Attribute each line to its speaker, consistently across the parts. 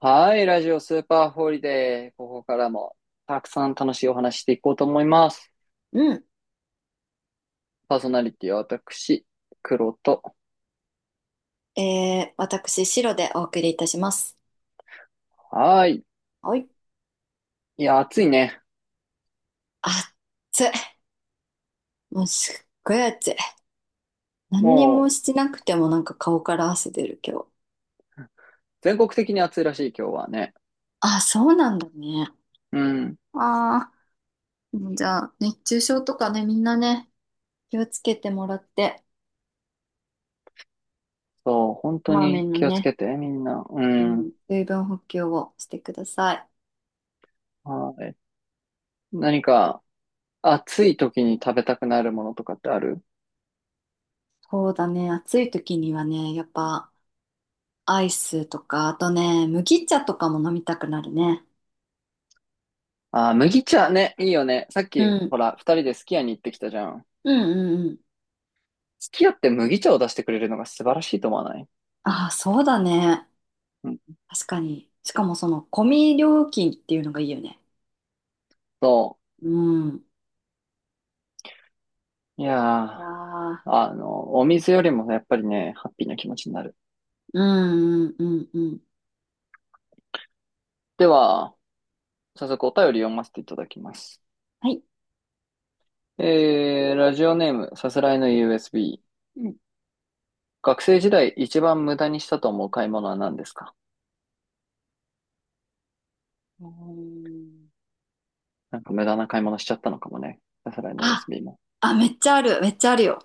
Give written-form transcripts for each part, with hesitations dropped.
Speaker 1: はい、ラジオスーパーホリデー。ここからもたくさん楽しいお話していこうと思います。
Speaker 2: うん。
Speaker 1: パーソナリティは私、黒と。
Speaker 2: 私、白でお送りいたします。
Speaker 1: はい。
Speaker 2: はい。
Speaker 1: いや、暑いね。
Speaker 2: 暑い。もうすっごい暑い。何にも
Speaker 1: もう、
Speaker 2: してなくてもなんか顔から汗出る今日。
Speaker 1: 全国的に暑いらしい、今日はね。
Speaker 2: あ、そうなんだね。
Speaker 1: うん。
Speaker 2: ああ、もうじゃあ、熱中症とかね、みんなね、気をつけてもらって、
Speaker 1: そう、本
Speaker 2: こ
Speaker 1: 当
Speaker 2: まめ
Speaker 1: に
Speaker 2: な
Speaker 1: 気をつ
Speaker 2: ね、
Speaker 1: けて、みんな。う
Speaker 2: う
Speaker 1: ん。
Speaker 2: ん、水分補給をしてください。
Speaker 1: はい。何か、暑い時に食べたくなるものとかってある？
Speaker 2: そうだね、暑い時にはね、やっぱ、アイスとか、あとね、麦茶とかも飲みたくなるね。
Speaker 1: あー、麦茶ね、いいよね。さっ
Speaker 2: う
Speaker 1: き、
Speaker 2: ん。
Speaker 1: ほら、二人でスキヤに行ってきたじゃん。
Speaker 2: うんうんうん。
Speaker 1: スキヤって麦茶を出してくれるのが素晴らしいと思わない？
Speaker 2: ああ、そうだね。
Speaker 1: うん。
Speaker 2: 確かに。しかもその、込み料金っていうのがいいよね。
Speaker 1: そう。
Speaker 2: うん。い
Speaker 1: いや
Speaker 2: やー、
Speaker 1: ー、お水よりもやっぱりね、ハッピーな気持ちになる。
Speaker 2: うんうんうんうん。
Speaker 1: では、早速お便り読ませていただきます。
Speaker 2: はい。
Speaker 1: ラジオネーム、さすらいの USB。
Speaker 2: うん
Speaker 1: 学生時代一番無駄にしたと思う買い物は何ですか？
Speaker 2: うん。
Speaker 1: なんか無駄な買い物しちゃったのかもね。さすらいの
Speaker 2: あ、
Speaker 1: USB も。
Speaker 2: あ、めっちゃある、めっちゃあるよ。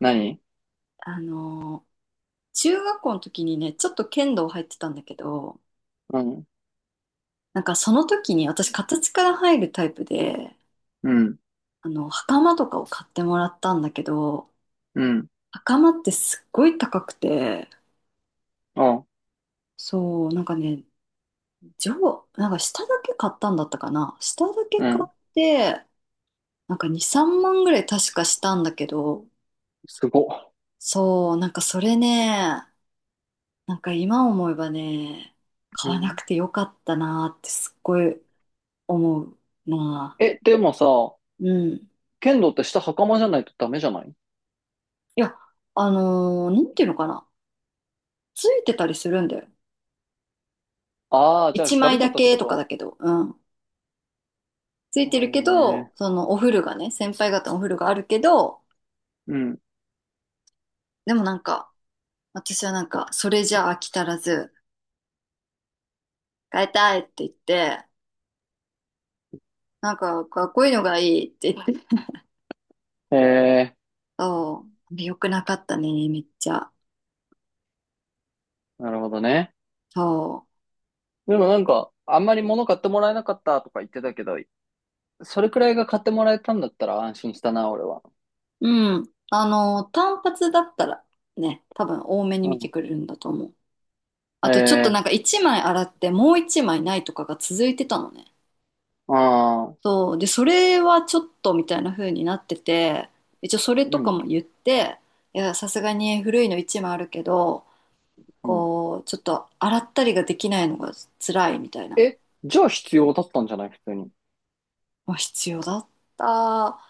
Speaker 1: 何？
Speaker 2: あのー中学校の時にね、ちょっと剣道入ってたんだけど、
Speaker 1: うん。
Speaker 2: なんかその時に私形から入るタイプで、
Speaker 1: うん。
Speaker 2: あの、袴とかを買ってもらったんだけど、
Speaker 1: うん。
Speaker 2: 袴ってすっごい高くて、
Speaker 1: あ、
Speaker 2: そう、なんかね、上、なんか下だけ買ったんだったかな。下だけ
Speaker 1: う
Speaker 2: 買っ
Speaker 1: ん。
Speaker 2: て、なんか2、3万ぐらい確かしたんだけど、
Speaker 1: すごっ。
Speaker 2: そう、なんかそれね、なんか今思えばね、
Speaker 1: う
Speaker 2: 買わな
Speaker 1: ん。
Speaker 2: くてよかったなーってすっごい思うな
Speaker 1: え、でもさ、
Speaker 2: ー。うん。い
Speaker 1: 剣道って下袴じゃないとダメじゃない？
Speaker 2: や、なんていうのかな。ついてたりするんだよ。
Speaker 1: ああー、じゃあ
Speaker 2: 1
Speaker 1: ダブ
Speaker 2: 枚
Speaker 1: っちゃ
Speaker 2: だ
Speaker 1: ったって
Speaker 2: け
Speaker 1: こ
Speaker 2: とかだ
Speaker 1: と？
Speaker 2: けど、うん。ついて
Speaker 1: は
Speaker 2: る
Speaker 1: い。へ
Speaker 2: けど、
Speaker 1: え。
Speaker 2: そのお風呂がね、先輩方のお風呂があるけど、
Speaker 1: うん。
Speaker 2: でもなんか、私はなんか、それじゃ飽き足らず、変えたいって言って、なんかかっこいいのがいいって言って、
Speaker 1: へえー。
Speaker 2: そう、良くなかったね、めっちゃ。
Speaker 1: なるほどね。
Speaker 2: そ
Speaker 1: でもなんか、あんまり物買ってもらえなかったとか言ってたけど、それくらいが買ってもらえたんだったら安心したな、俺は。
Speaker 2: う。うん。あの、単発だったらね、多分多めに
Speaker 1: う
Speaker 2: 見て
Speaker 1: ん。
Speaker 2: くれるんだと思う。あとちょっとなんか
Speaker 1: え
Speaker 2: 1枚洗ってもう1枚ないとかが続いてたのね。
Speaker 1: ああ。
Speaker 2: そう。で、それはちょっとみたいな風になってて、一応それ
Speaker 1: う
Speaker 2: とか
Speaker 1: ん。
Speaker 2: も言って、いや、さすがに古いの1枚あるけど、
Speaker 1: うん。
Speaker 2: こう、ちょっと洗ったりができないのが辛いみたいな。
Speaker 1: え、じゃあ必要だったんじゃない普通に？
Speaker 2: まあ、必要だった。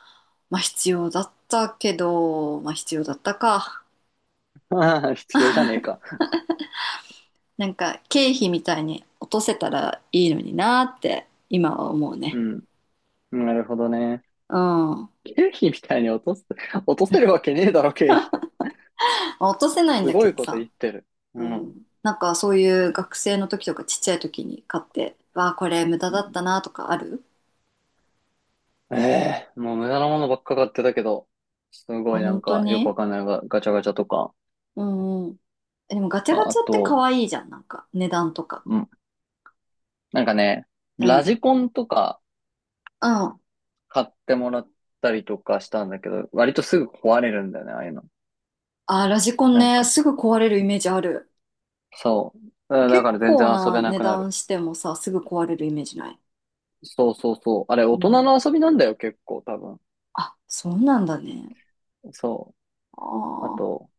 Speaker 2: まあ、必要だったけど、まあ、必要だったか。
Speaker 1: ああ、必要じゃねえか。
Speaker 2: なんか、経費みたいに落とせたらいいのになって、今は思う
Speaker 1: う
Speaker 2: ね。
Speaker 1: ん。なるほどね。
Speaker 2: うん。ま
Speaker 1: 経費みたいに落とす、落とせるわけねえだろ、経費って。
Speaker 2: あ落とせないん
Speaker 1: す
Speaker 2: だけ
Speaker 1: ごい
Speaker 2: ど
Speaker 1: こと
Speaker 2: さ。
Speaker 1: 言ってる。う
Speaker 2: う
Speaker 1: ん。
Speaker 2: ん。なんか、そういう学生の時とかちっちゃい時に買って、わあ、これ無駄だったなとかある。
Speaker 1: ええもう無駄なものばっか買ってたけど、す
Speaker 2: あ、
Speaker 1: ごいな
Speaker 2: 本
Speaker 1: ん
Speaker 2: 当
Speaker 1: かよくわ
Speaker 2: に。
Speaker 1: かんないがガチャガチャとか、
Speaker 2: うんうん。え、でもガチャガ
Speaker 1: ああ
Speaker 2: チャって可
Speaker 1: と、
Speaker 2: 愛いじゃん。なんか、値段とか。
Speaker 1: うん。なんかね、
Speaker 2: う
Speaker 1: ラ
Speaker 2: ん。
Speaker 1: ジコンとか
Speaker 2: うん。
Speaker 1: 買ってもらったりとかしたんだけど、割とすぐ壊れるんだよね、ああいうの。
Speaker 2: あー、ラジコン
Speaker 1: なん
Speaker 2: ね、
Speaker 1: か、
Speaker 2: すぐ壊れるイメージある。
Speaker 1: そう。だだ
Speaker 2: 結
Speaker 1: から全然
Speaker 2: 構
Speaker 1: 遊
Speaker 2: な
Speaker 1: べな
Speaker 2: 値
Speaker 1: くなる。
Speaker 2: 段してもさ、すぐ壊れるイメージない？
Speaker 1: そうそうそう。あれ、
Speaker 2: う
Speaker 1: 大人
Speaker 2: ん。
Speaker 1: の遊びなんだよ、結構、多分。
Speaker 2: あ、そうなんだね。
Speaker 1: そ
Speaker 2: あ
Speaker 1: う。あ
Speaker 2: あ、
Speaker 1: と、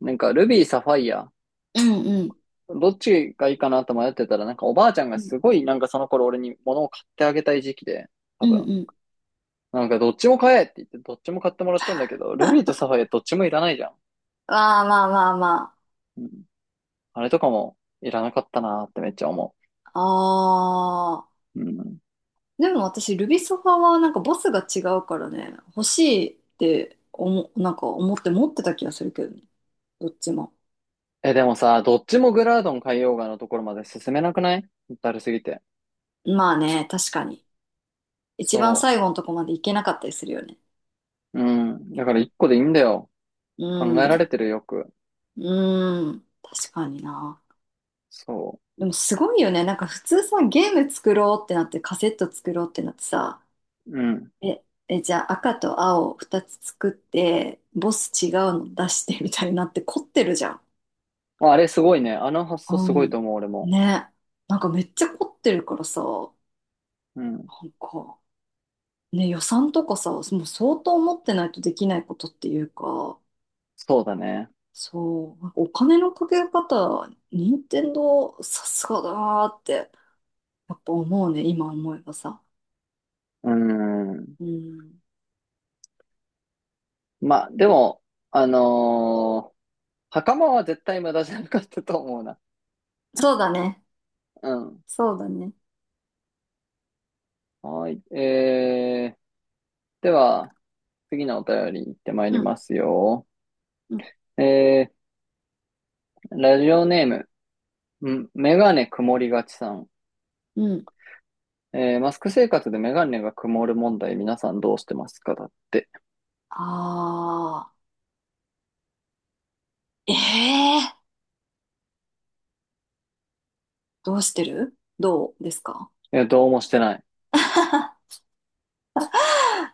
Speaker 1: なんか、ルビー、サファイア。
Speaker 2: うんうん。
Speaker 1: どっちがいいかなと迷ってたら、なんかおばあちゃん
Speaker 2: う
Speaker 1: が
Speaker 2: ん
Speaker 1: すごい、なんかその頃俺に物を買ってあげたい時期で、
Speaker 2: う
Speaker 1: 多
Speaker 2: ん
Speaker 1: 分。
Speaker 2: うん。
Speaker 1: なんかどっちも買えって言って、どっちも買ってもらったんだけど、ルビーとサファイアどっちもいらないじゃ
Speaker 2: まあまあまあま
Speaker 1: ん。あれとかもいらなかったなーってめっちゃ思
Speaker 2: あ。ああ。
Speaker 1: う。うん。
Speaker 2: でも私、ルビソファはなんかボスが違うからね、欲しいって思、なんか思って持ってた気がするけどね。どっちも。
Speaker 1: え、でもさ、どっちもグラードン海洋画のところまで進めなくない？だるすぎて。
Speaker 2: まあね、確かに。一番
Speaker 1: そ
Speaker 2: 最後のとこまで行けなかったりするよね。
Speaker 1: う。うん。だから一個でいいんだよ。
Speaker 2: う
Speaker 1: 考えられ
Speaker 2: ん。
Speaker 1: てるよく。
Speaker 2: うん。確かにな。
Speaker 1: そ
Speaker 2: でもすごいよね。なんか普通さ、ゲーム作ろうってなって、カセット作ろうってなってさ、
Speaker 1: う。うん。
Speaker 2: え、え、じゃあ赤と青2つ作って、ボス違うの出してみたいになって凝ってるじゃん。
Speaker 1: まああれすごいね。あの発想
Speaker 2: う
Speaker 1: すごい
Speaker 2: ん。
Speaker 1: と思う、俺も。
Speaker 2: ね。なんかめっちゃ凝ってるからさ、な
Speaker 1: うん。
Speaker 2: んか、ね、予算とかさ、もう相当持ってないとできないことっていうか、
Speaker 1: そうだね。
Speaker 2: そう、なんかお金のかけ方、任天堂さすがだなーって、やっぱ思うね、今思えばさ。
Speaker 1: うん。
Speaker 2: うん。
Speaker 1: まあ、でも、あのー袴は絶対無駄じゃなかったと思うな。
Speaker 2: そうだね。
Speaker 1: うん。
Speaker 2: そうだね。
Speaker 1: はい。では、次のお便り行ってまい
Speaker 2: う
Speaker 1: り
Speaker 2: ん、
Speaker 1: ますよ。
Speaker 2: うん、
Speaker 1: えラジオネーム、メガネ曇りがちさん。
Speaker 2: うん。
Speaker 1: マスク生活でメガネが曇る問題、皆さんどうしてますかだって。
Speaker 2: あー、ええー、どうしてる？どうですか？
Speaker 1: いや、どうもしてない。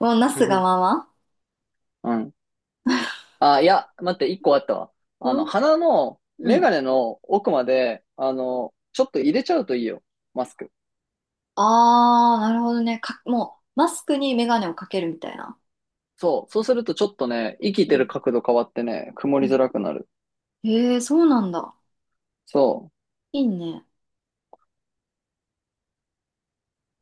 Speaker 2: もうな
Speaker 1: う
Speaker 2: すが
Speaker 1: ん。
Speaker 2: まま。
Speaker 1: うん。あ、いや、待って、一個あったわ。
Speaker 2: うん
Speaker 1: 鼻の
Speaker 2: う
Speaker 1: メ
Speaker 2: ん、
Speaker 1: ガネの奥まで、ちょっと入れちゃうといいよ。マスク。
Speaker 2: あー、なるほどね。か、もう、マスクにメガネをかけるみたいな。
Speaker 1: そう。そうするとちょっとね、生き
Speaker 2: う
Speaker 1: てる
Speaker 2: ん、
Speaker 1: 角度変わってね、曇
Speaker 2: う
Speaker 1: りづ
Speaker 2: ん。
Speaker 1: らくなる。
Speaker 2: えー、そうなんだ。
Speaker 1: そ
Speaker 2: いいね。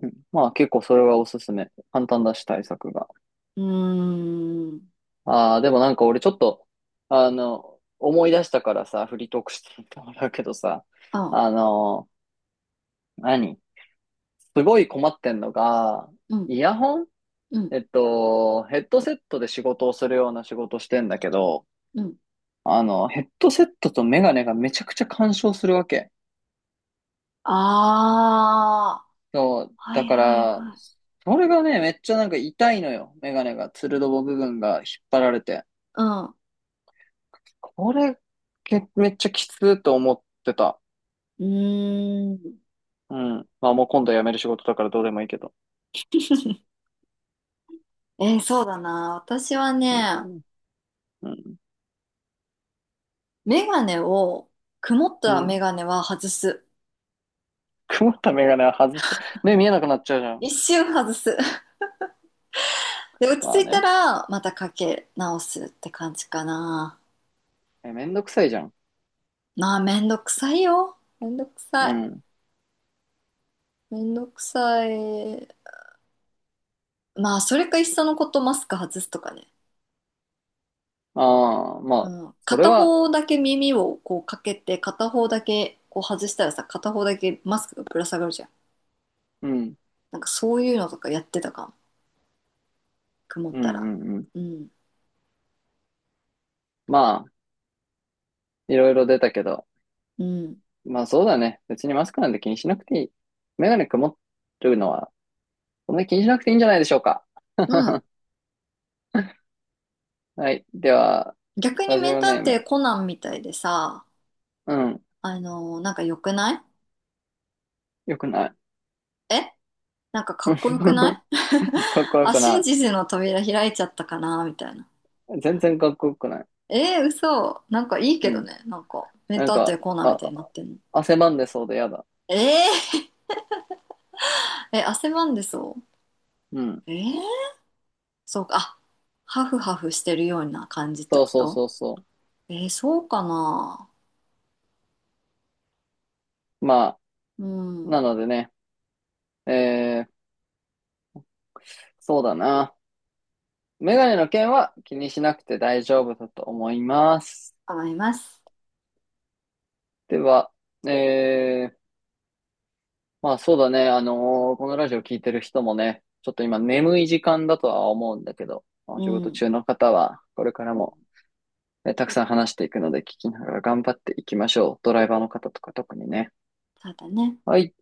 Speaker 1: う。うん。まあ結構それはおすすめ。簡単だし対策が。
Speaker 2: うーん。
Speaker 1: ああ、でもなんか俺ちょっと、思い出したからさ、フリートークしてみてもらうけどさ、
Speaker 2: あ、
Speaker 1: あの、何すごい困ってんのが、
Speaker 2: うん、
Speaker 1: イヤホン、
Speaker 2: うん、
Speaker 1: ヘッドセットで仕事をするような仕事してんだけど、
Speaker 2: うん。
Speaker 1: ヘッドセットとメガネがめちゃくちゃ干渉するわけ。
Speaker 2: あ
Speaker 1: そう、
Speaker 2: ー、は
Speaker 1: だ
Speaker 2: い
Speaker 1: か
Speaker 2: はい
Speaker 1: ら、
Speaker 2: はい。
Speaker 1: それがね、めっちゃなんか痛いのよ。メガネが、つるどぼ部分が引っ張られて。
Speaker 2: う
Speaker 1: これ、めっちゃきつーと思ってた。
Speaker 2: ん。うーん。
Speaker 1: うん。まあもう今度辞める仕事だからどうでもいいけど。
Speaker 2: そうだな。私は
Speaker 1: う
Speaker 2: ね、
Speaker 1: ん。うん。
Speaker 2: メガネを、曇っ
Speaker 1: う
Speaker 2: たメ
Speaker 1: ん。
Speaker 2: ガネは外す。
Speaker 1: 曇ったメガネは外す。目見えなくなっちゃうじゃん。
Speaker 2: 一瞬外す。で、落
Speaker 1: まあ
Speaker 2: ち着いた
Speaker 1: ね。
Speaker 2: ら、またかけ直すって感じかな。
Speaker 1: え、めんどくさいじゃん。
Speaker 2: まあ、めんどくさいよ。めんどく
Speaker 1: う
Speaker 2: さい。
Speaker 1: ん。
Speaker 2: めんどくさい。まあ、それかいっそのことマスク外すとかね。
Speaker 1: ああ、ま
Speaker 2: う
Speaker 1: あ、
Speaker 2: ん。
Speaker 1: それ
Speaker 2: 片
Speaker 1: は、
Speaker 2: 方だけ耳をこうかけて、片方だけこう外したらさ、片方だけマスクがぶら下がるじゃん。
Speaker 1: うん。
Speaker 2: なんかそういうのとかやってたかも。曇っ
Speaker 1: う
Speaker 2: た
Speaker 1: ん。う
Speaker 2: ら。
Speaker 1: ん。うん。
Speaker 2: うん。
Speaker 1: まあ、いろいろ出たけど。
Speaker 2: うん。
Speaker 1: まあそうだね。別にマスクなんて気にしなくていい。メガネ曇るのは、そんなに気にしなくていいんじゃないでしょうか。
Speaker 2: うん。
Speaker 1: はい。では、
Speaker 2: 逆に
Speaker 1: ラジ
Speaker 2: 名
Speaker 1: オ
Speaker 2: 探
Speaker 1: ネー
Speaker 2: 偵
Speaker 1: ム。
Speaker 2: コナンみたいでさ、
Speaker 1: うん。
Speaker 2: なんか良くない？
Speaker 1: よくない。
Speaker 2: え、なんかかっこよ くない？
Speaker 1: かっこ よ
Speaker 2: あ、
Speaker 1: く
Speaker 2: 真
Speaker 1: な
Speaker 2: 実の扉開いちゃったかなみたいな。
Speaker 1: い。全然かっこよくない。
Speaker 2: えー、嘘。なんかいいけ
Speaker 1: う
Speaker 2: ど
Speaker 1: ん。
Speaker 2: ね。なんか、名
Speaker 1: なん
Speaker 2: 探偵
Speaker 1: か、
Speaker 2: コナンみ
Speaker 1: あ、
Speaker 2: たいになってんの。
Speaker 1: 汗ばんでそうでやだ。
Speaker 2: えー、え、汗ばんでそ
Speaker 1: うん。
Speaker 2: う？えー、そうか。あ、ハフハフしてるような感じって
Speaker 1: そう
Speaker 2: こ
Speaker 1: そう
Speaker 2: と？
Speaker 1: そうそ
Speaker 2: えー、そうかな。
Speaker 1: う。まあ、
Speaker 2: うん。
Speaker 1: なのでね、えー、そうだな。メガネの件は気にしなくて大丈夫だと思います。
Speaker 2: 思います。
Speaker 1: では、えー、まあそうだね。このラジオ聞いてる人もね、ちょっと今眠い時間だとは思うんだけど、まあ
Speaker 2: う
Speaker 1: お仕事
Speaker 2: ん。
Speaker 1: 中の方はこれから
Speaker 2: うん。
Speaker 1: も、ね、たくさん話していくので聞きながら頑張っていきましょう。ドライバーの方とか特にね。
Speaker 2: そうだね。
Speaker 1: はい。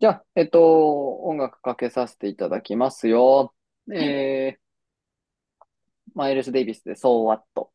Speaker 1: じゃあ、音楽かけさせていただきますよ。
Speaker 2: はい。
Speaker 1: えー、マイルス・デイビスで、So What?